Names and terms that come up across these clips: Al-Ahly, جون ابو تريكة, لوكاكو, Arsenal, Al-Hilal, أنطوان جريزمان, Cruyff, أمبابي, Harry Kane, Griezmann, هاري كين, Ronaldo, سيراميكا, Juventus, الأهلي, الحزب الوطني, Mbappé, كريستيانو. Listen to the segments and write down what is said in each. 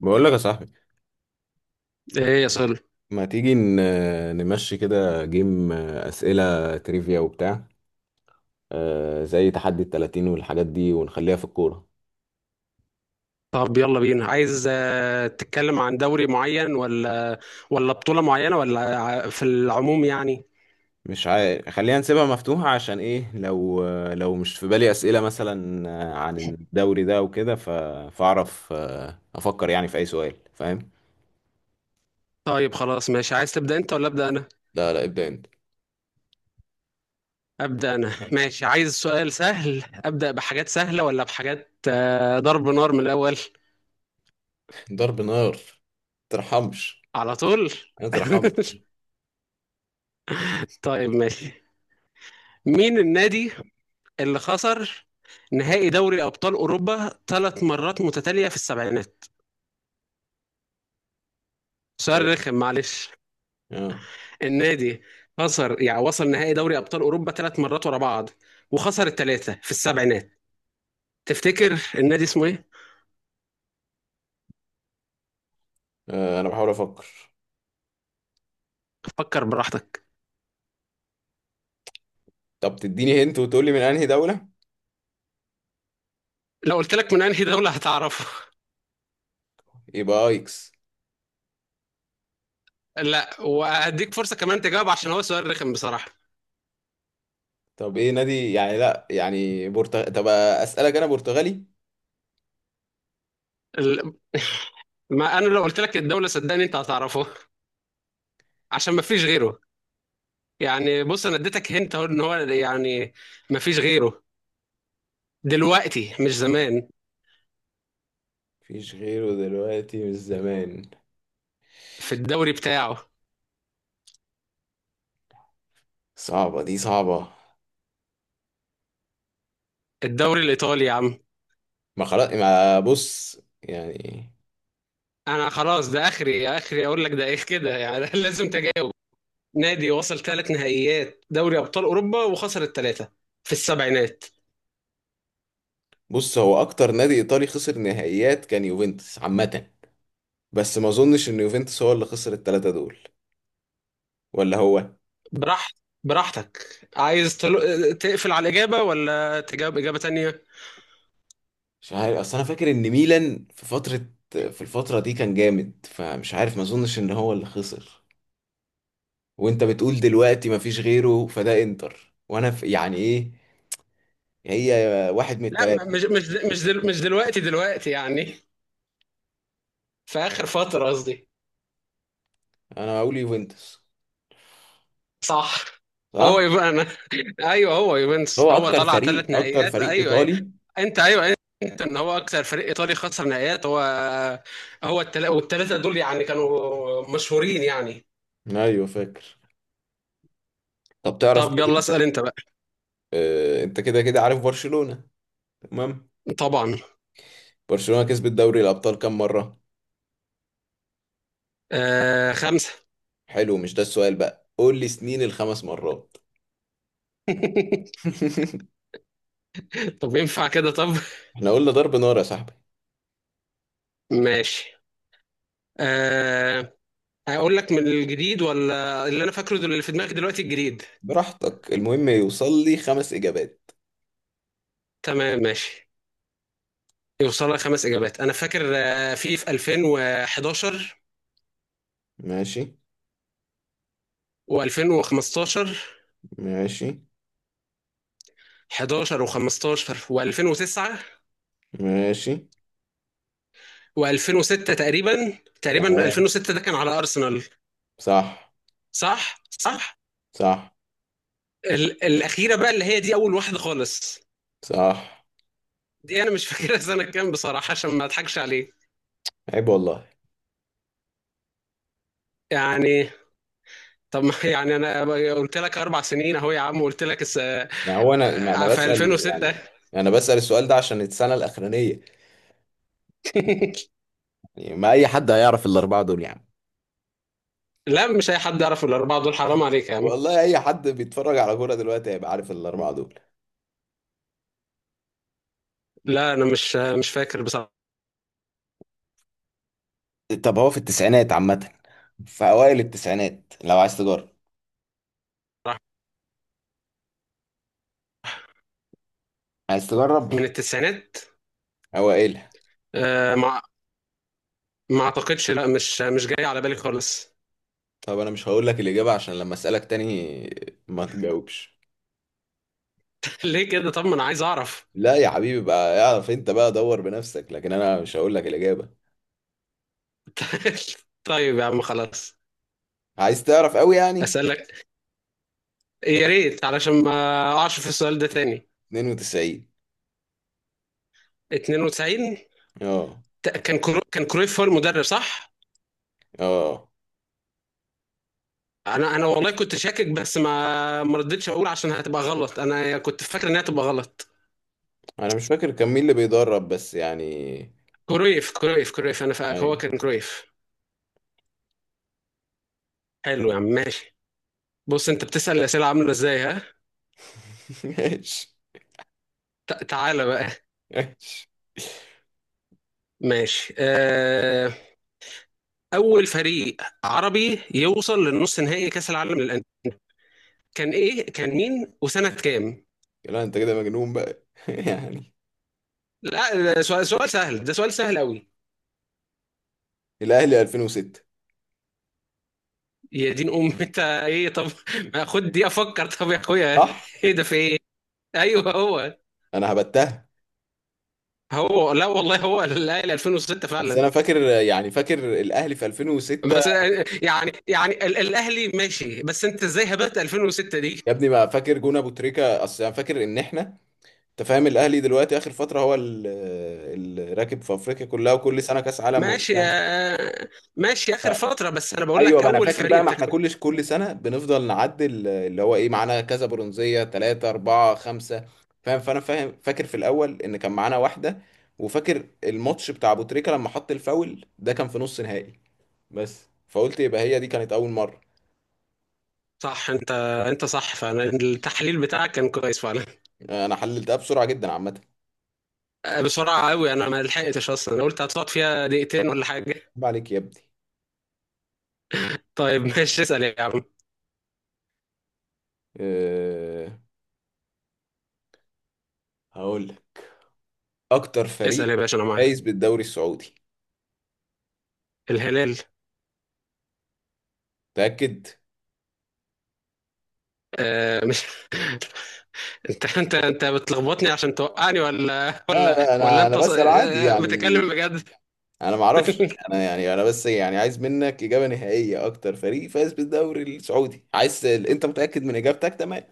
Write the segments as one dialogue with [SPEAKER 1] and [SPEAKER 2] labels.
[SPEAKER 1] بقول لك يا صاحبي،
[SPEAKER 2] ايه يا صل؟
[SPEAKER 1] ما تيجي نمشي كده جيم، أسئلة تريفيا وبتاع. زي تحدي التلاتين والحاجات دي ونخليها في الكورة.
[SPEAKER 2] طب يلا بينا، عايز تتكلم عن دوري معين ولا بطولة معينة ولا في العموم يعني؟
[SPEAKER 1] مش عارف، خلينا نسيبها مفتوحة، عشان ايه؟ لو مش في بالي أسئلة، مثلا عن الدوري ده وكده، فأعرف أفكر يعني في أي سؤال، فاهم؟
[SPEAKER 2] طيب خلاص ماشي، عايز تبدأ انت ولا أبدأ انا؟
[SPEAKER 1] لا، لا، ابدأ انت.
[SPEAKER 2] أبدأ انا، ماشي. عايز سؤال سهل أبدأ بحاجات سهلة، ولا بحاجات ضرب نار من الأول؟
[SPEAKER 1] ضرب نار. ترحمش.
[SPEAKER 2] على طول.
[SPEAKER 1] ما ترحمش.
[SPEAKER 2] طيب ماشي. مين النادي اللي خسر نهائي دوري أبطال أوروبا 3 مرات متتالية في السبعينات؟ سؤال رخم معلش.
[SPEAKER 1] اه.
[SPEAKER 2] النادي خسر، يعني وصل نهائي دوري ابطال اوروبا 3 مرات ورا بعض، وخسر الثلاثه في السبعينات. تفتكر النادي اسمه ايه؟
[SPEAKER 1] انا بحاول افكر.
[SPEAKER 2] فكر براحتك.
[SPEAKER 1] طب تديني هنت وتقولي من انهي دولة؟
[SPEAKER 2] لو قلت لك من انهي دوله هتعرفه.
[SPEAKER 1] يبقى ايكس.
[SPEAKER 2] لا، وهديك فرصه كمان تجاوب عشان هو سؤال رخم بصراحه.
[SPEAKER 1] طب ايه نادي؟ يعني لا يعني طب اسألك، انا برتغالي؟
[SPEAKER 2] ال- ما انا لو قلت لك الدوله صدقني انت هتعرفه، عشان ما فيش غيره. يعني بص، انا اديتك هنت اهو ان هو يعني ما فيش غيره دلوقتي، مش زمان،
[SPEAKER 1] مفيش غيره دلوقتي، من زمان.
[SPEAKER 2] في الدوري بتاعه.
[SPEAKER 1] صعبة، دي صعبة.
[SPEAKER 2] الدوري الايطالي يا عم.
[SPEAKER 1] ما خلاص، ما بص يعني.
[SPEAKER 2] انا خلاص ده اخري اخري اقول لك ده ايه كده يعني. لازم تجاوب. نادي وصل 3 نهائيات دوري ابطال اوروبا وخسر الثلاثه في السبعينات.
[SPEAKER 1] بص، هو اكتر نادي ايطالي خسر نهائيات كان يوفنتوس عامة. بس ما اظنش ان يوفنتوس هو اللي خسر التلاتة دول. ولا هو؟
[SPEAKER 2] براحت براحتك، عايز تقفل على الاجابه ولا تجاوب اجابه تانية؟
[SPEAKER 1] مش عارف، اصل انا فاكر ان ميلان في فترة. في الفترة دي كان جامد، فمش عارف، ما اظنش ان هو اللي خسر. وانت بتقول دلوقتي ما فيش غيره، فده انتر، وانا يعني ايه؟ هي. واحد من
[SPEAKER 2] لا،
[SPEAKER 1] الثلاثه.
[SPEAKER 2] مش دلوقتي، دلوقتي يعني في اخر فتره قصدي.
[SPEAKER 1] انا هقول يوفنتوس.
[SPEAKER 2] صح. هو
[SPEAKER 1] صح.
[SPEAKER 2] يبقى انا. ايوه هو
[SPEAKER 1] هو
[SPEAKER 2] يوفنتوس، هو
[SPEAKER 1] اكتر
[SPEAKER 2] طلع
[SPEAKER 1] فريق
[SPEAKER 2] ثلاث
[SPEAKER 1] اكتر
[SPEAKER 2] نهائيات
[SPEAKER 1] فريق
[SPEAKER 2] ايوه، ايوه.
[SPEAKER 1] ايطالي.
[SPEAKER 2] انت ايوه، انت ان هو اكثر فريق ايطالي خسر نهائيات، هو. هو والثلاثه دول يعني كانوا مشهورين يعني.
[SPEAKER 1] ايوه، فاكر. طب تعرف
[SPEAKER 2] طب
[SPEAKER 1] تقول
[SPEAKER 2] يلا
[SPEAKER 1] إيه؟
[SPEAKER 2] اسال انت بقى.
[SPEAKER 1] انت كده كده عارف برشلونه. تمام.
[SPEAKER 2] طبعا.
[SPEAKER 1] برشلونه كسبت دوري الابطال كام مره؟
[SPEAKER 2] آه، 5.
[SPEAKER 1] حلو، مش ده السؤال بقى، قول لي سنين الخمس مرات.
[SPEAKER 2] طب ينفع كده؟ طب
[SPEAKER 1] احنا قلنا ضرب نار يا صاحبي.
[SPEAKER 2] ماشي. آه اقول لك من الجديد ولا اللي انا فاكره، اللي في دماغي دلوقتي الجديد؟
[SPEAKER 1] براحتك، المهم يوصل لي خمس اجابات.
[SPEAKER 2] تمام ماشي. يوصل لك 5 اجابات. انا فاكر في 2011
[SPEAKER 1] ماشي.
[SPEAKER 2] و2015.
[SPEAKER 1] ماشي.
[SPEAKER 2] 11 و15 و2009
[SPEAKER 1] ماشي.
[SPEAKER 2] و2006 تقريبا. تقريبا
[SPEAKER 1] تمام.
[SPEAKER 2] 2006 ده كان على أرسنال.
[SPEAKER 1] صح.
[SPEAKER 2] صح، صح.
[SPEAKER 1] صح.
[SPEAKER 2] الأخيرة بقى، اللي هي دي أول واحدة خالص.
[SPEAKER 1] صح.
[SPEAKER 2] دي أنا مش فاكرها سنة كام بصراحة، عشان ما أضحكش عليه
[SPEAKER 1] عيب والله.
[SPEAKER 2] يعني. طب يعني أنا قلت لك 4 سنين أهو يا عم، قلت لك
[SPEAKER 1] ما هو انا، ما انا
[SPEAKER 2] في
[SPEAKER 1] بسأل
[SPEAKER 2] 2006.
[SPEAKER 1] يعني. انا بسأل السؤال ده عشان السنة الأخرانية. يعني ما اي حد هيعرف الأربعة دول، يعني.
[SPEAKER 2] لا، مش أي حد يعرف الأربعة دول، حرام عليك يا عم.
[SPEAKER 1] والله، اي حد بيتفرج على كورة دلوقتي هيبقى عارف الأربعة دول.
[SPEAKER 2] لا أنا مش فاكر بصراحة.
[SPEAKER 1] طب هو في التسعينات عامة. في أوائل التسعينات، لو عايز تجرب. عايز تجرب؟
[SPEAKER 2] من التسعينات.
[SPEAKER 1] أوائلها.
[SPEAKER 2] مع، ما اعتقدش، لا، مش جاي على بالي خالص.
[SPEAKER 1] طب أنا مش هقول لك الإجابة، عشان لما أسألك تاني ما تجاوبش.
[SPEAKER 2] ليه كده؟ طب ما انا عايز اعرف.
[SPEAKER 1] لا يا حبيبي، بقى اعرف أنت، بقى دور بنفسك، لكن أنا مش هقول لك الإجابة.
[SPEAKER 2] طيب يا عم خلاص،
[SPEAKER 1] عايز تعرف قوي يعني.
[SPEAKER 2] اسالك. يا ريت علشان ما اقعش في السؤال ده تاني.
[SPEAKER 1] 92.
[SPEAKER 2] 92.
[SPEAKER 1] اه.
[SPEAKER 2] كان كرويف هو المدرب، صح؟
[SPEAKER 1] اه،
[SPEAKER 2] انا والله كنت شاكك، بس ما رديتش اقول عشان هتبقى غلط، انا كنت فاكر انها تبقى غلط.
[SPEAKER 1] انا مش فاكر كان مين اللي بيدرب، بس يعني.
[SPEAKER 2] كرويف، كرويف، كرويف، انا فاكر هو
[SPEAKER 1] ايوه.
[SPEAKER 2] كان كرويف. حلو يا عم، ماشي. بص، انت بتسال الاسئله عامله ازاي ها.
[SPEAKER 1] ماشي.
[SPEAKER 2] تعالى بقى.
[SPEAKER 1] ماشي.
[SPEAKER 2] ماشي. اول فريق عربي يوصل للنص نهائي كاس العالم للانديه كان ايه؟ كان مين، وسنه كام؟
[SPEAKER 1] لا انت كده مجنون بقى، يعني.
[SPEAKER 2] لا، ده سؤال سهل، ده سؤال سهل قوي.
[SPEAKER 1] الاهلي 2006.
[SPEAKER 2] يا دين ام انت، ايه؟ طب ما خد دي افكر طب يا اخويا.
[SPEAKER 1] صح،
[SPEAKER 2] ايه ده، في ايه؟ ايوه هو.
[SPEAKER 1] انا هبتها.
[SPEAKER 2] هو، لا والله هو الاهلي 2006
[SPEAKER 1] بس
[SPEAKER 2] فعلا.
[SPEAKER 1] انا فاكر، يعني فاكر الاهلي في 2006.
[SPEAKER 2] بس يعني الاهلي ماشي، بس انت ازاي هبت 2006 دي؟
[SPEAKER 1] يا ابني، ما فاكر جون ابو تريكة، اصل انا فاكر ان احنا. انت فاهم، الاهلي دلوقتي اخر فتره هو الراكب في افريقيا كلها، وكل سنه كاس عالم
[SPEAKER 2] ماشي
[SPEAKER 1] وبتاع.
[SPEAKER 2] ماشي اخر فتره، بس انا بقول
[SPEAKER 1] ايوه،
[SPEAKER 2] لك
[SPEAKER 1] ما انا
[SPEAKER 2] اول
[SPEAKER 1] فاكر
[SPEAKER 2] فريق،
[SPEAKER 1] بقى، ما
[SPEAKER 2] انت
[SPEAKER 1] احنا
[SPEAKER 2] كنت
[SPEAKER 1] كل سنه بنفضل نعدل اللي هو ايه، معانا كذا برونزيه، ثلاثه اربعه خمسه. فاهم، فانا فاهم، فاكر في الاول ان كان معانا واحده. وفاكر الماتش بتاع ابو تريكه لما حط الفاول، ده كان في نص نهائي. بس فقلت يبقى هي دي كانت اول مره.
[SPEAKER 2] صح. انت انت صح فعلا، التحليل بتاعك كان كويس فعلا.
[SPEAKER 1] انا حللتها بسرعه جدا، عامه.
[SPEAKER 2] بسرعه قوي، انا ما لحقتش اصلا، انا قلت هتقعد فيها دقيقتين ولا حاجه.
[SPEAKER 1] عيب عليك يا ابني.
[SPEAKER 2] طيب ماشي، اسال يا عم.
[SPEAKER 1] أه. هقول لك. اكتر فريق
[SPEAKER 2] اسال يا باشا، انا معاك.
[SPEAKER 1] فايز بالدوري السعودي؟
[SPEAKER 2] الهلال.
[SPEAKER 1] تاكد.
[SPEAKER 2] مش. انت بتلخبطني عشان توقعني، ولا
[SPEAKER 1] لا،
[SPEAKER 2] ولا
[SPEAKER 1] لا،
[SPEAKER 2] ولا
[SPEAKER 1] انا
[SPEAKER 2] انت
[SPEAKER 1] بسال عادي يعني.
[SPEAKER 2] بتتكلم بجد؟
[SPEAKER 1] انا ما اعرفش، انا يعني، انا بس يعني عايز منك اجابه نهائيه، اكتر فريق فاز بالدوري السعودي، عايز انت متاكد من اجابتك؟ تمام.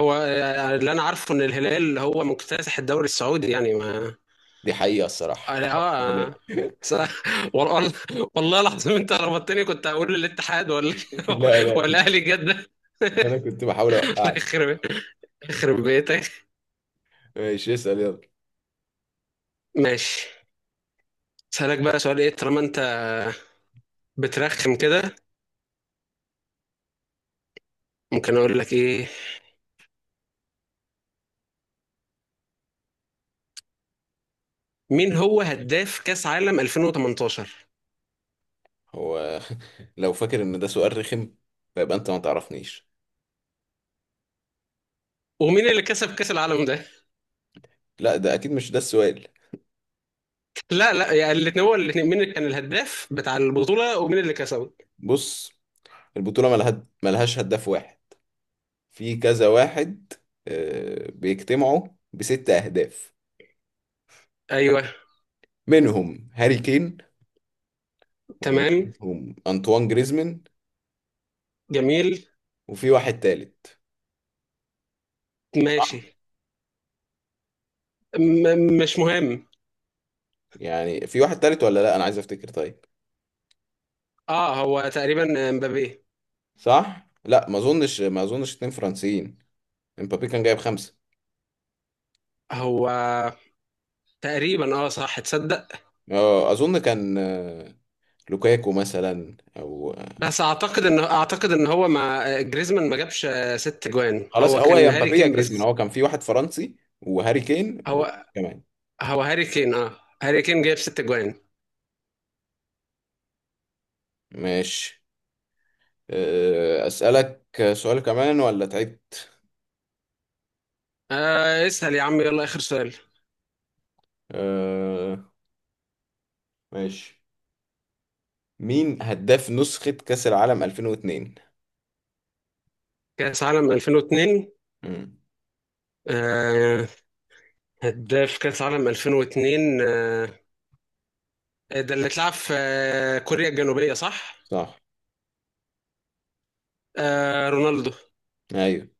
[SPEAKER 2] هو اللي انا عارفه ان الهلال هو مكتسح الدوري السعودي يعني. ما
[SPEAKER 1] دي حقيقه الصراحه،
[SPEAKER 2] انا اه،
[SPEAKER 1] لا.
[SPEAKER 2] س- والله، والله العظيم انت ربطتني، كنت هقول الاتحاد ولا
[SPEAKER 1] لا، لا،
[SPEAKER 2] ولا اهلي جده.
[SPEAKER 1] انا كنت بحاول اوقعك.
[SPEAKER 2] يخرب يخرب بيتك.
[SPEAKER 1] ماشي، اسال يلا.
[SPEAKER 2] ماشي. اسالك بقى سؤال، ايه طالما انت بترخم كده، ممكن اقول لك ايه. مين هو هداف كاس عالم 2018؟
[SPEAKER 1] هو، لو فاكر ان ده سؤال رخم، فيبقى انت ما تعرفنيش.
[SPEAKER 2] ومين اللي كسب كاس العالم ده؟
[SPEAKER 1] لا ده اكيد مش ده السؤال.
[SPEAKER 2] لا لا، يا الاثنين، هو الاثنين. مين اللي كان الهداف بتاع البطوله، ومين اللي كسبه.
[SPEAKER 1] بص. البطوله ملهاش هداف واحد. في كذا واحد. بيجتمعوا بست اهداف.
[SPEAKER 2] ايوه،
[SPEAKER 1] منهم هاري كين.
[SPEAKER 2] تمام،
[SPEAKER 1] ومنهم أنطوان جريزمان.
[SPEAKER 2] جميل.
[SPEAKER 1] وفي واحد تالت. صح.
[SPEAKER 2] ماشي. مش مهم.
[SPEAKER 1] يعني في واحد تالت ولا لا، أنا عايز أفتكر، طيب.
[SPEAKER 2] اه، هو تقريبا امبابي.
[SPEAKER 1] صح. لا، ما أظنش اتنين فرنسيين. امبابي كان جايب خمسة.
[SPEAKER 2] هو تقريبا، اه صح، تصدق.
[SPEAKER 1] أظن كان لوكاكو مثلا، أو
[SPEAKER 2] بس اعتقد ان هو مع جريزمان ما جابش 6 جوان،
[SPEAKER 1] خلاص،
[SPEAKER 2] هو
[SPEAKER 1] هو يا
[SPEAKER 2] كان هاري
[SPEAKER 1] مبابي يا
[SPEAKER 2] كين
[SPEAKER 1] جريزمان،
[SPEAKER 2] بس.
[SPEAKER 1] هو كان في واحد فرنسي. وهاري كين
[SPEAKER 2] هو
[SPEAKER 1] وكمان.
[SPEAKER 2] هو هاري كين، اه هاري كين جاب 6 جوان.
[SPEAKER 1] ماشي. أسألك سؤال كمان ولا تعبت؟
[SPEAKER 2] اسأل يا عم يلا، اخر سؤال.
[SPEAKER 1] آه، ماشي. مين هداف نسخة كأس العالم 2002؟
[SPEAKER 2] كأس عالم 2002؟
[SPEAKER 1] مم.
[SPEAKER 2] آه هداف كأس عالم 2002. ده اللي اتلعب في كوريا الجنوبية، صح؟
[SPEAKER 1] صح.
[SPEAKER 2] رونالدو.
[SPEAKER 1] ايوه.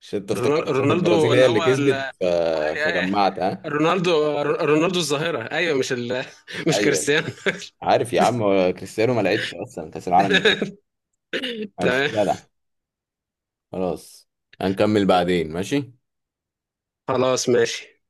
[SPEAKER 1] عشان انت افتكرت ان
[SPEAKER 2] رونالدو
[SPEAKER 1] البرازيل هي
[SPEAKER 2] اللي
[SPEAKER 1] اللي
[SPEAKER 2] هو
[SPEAKER 1] كسبت
[SPEAKER 2] ال-
[SPEAKER 1] فجمعت، ها.
[SPEAKER 2] رونالدو الظاهرة. أيوة، مش مش
[SPEAKER 1] ايوه.
[SPEAKER 2] كريستيانو.
[SPEAKER 1] عارف يا عم، هو كريستيانو ما لعبش اصلا كاس العالم ده. ماشي،
[SPEAKER 2] تمام
[SPEAKER 1] جدع. خلاص. هنكمل بعدين، ماشي.
[SPEAKER 2] خلاص ماشي.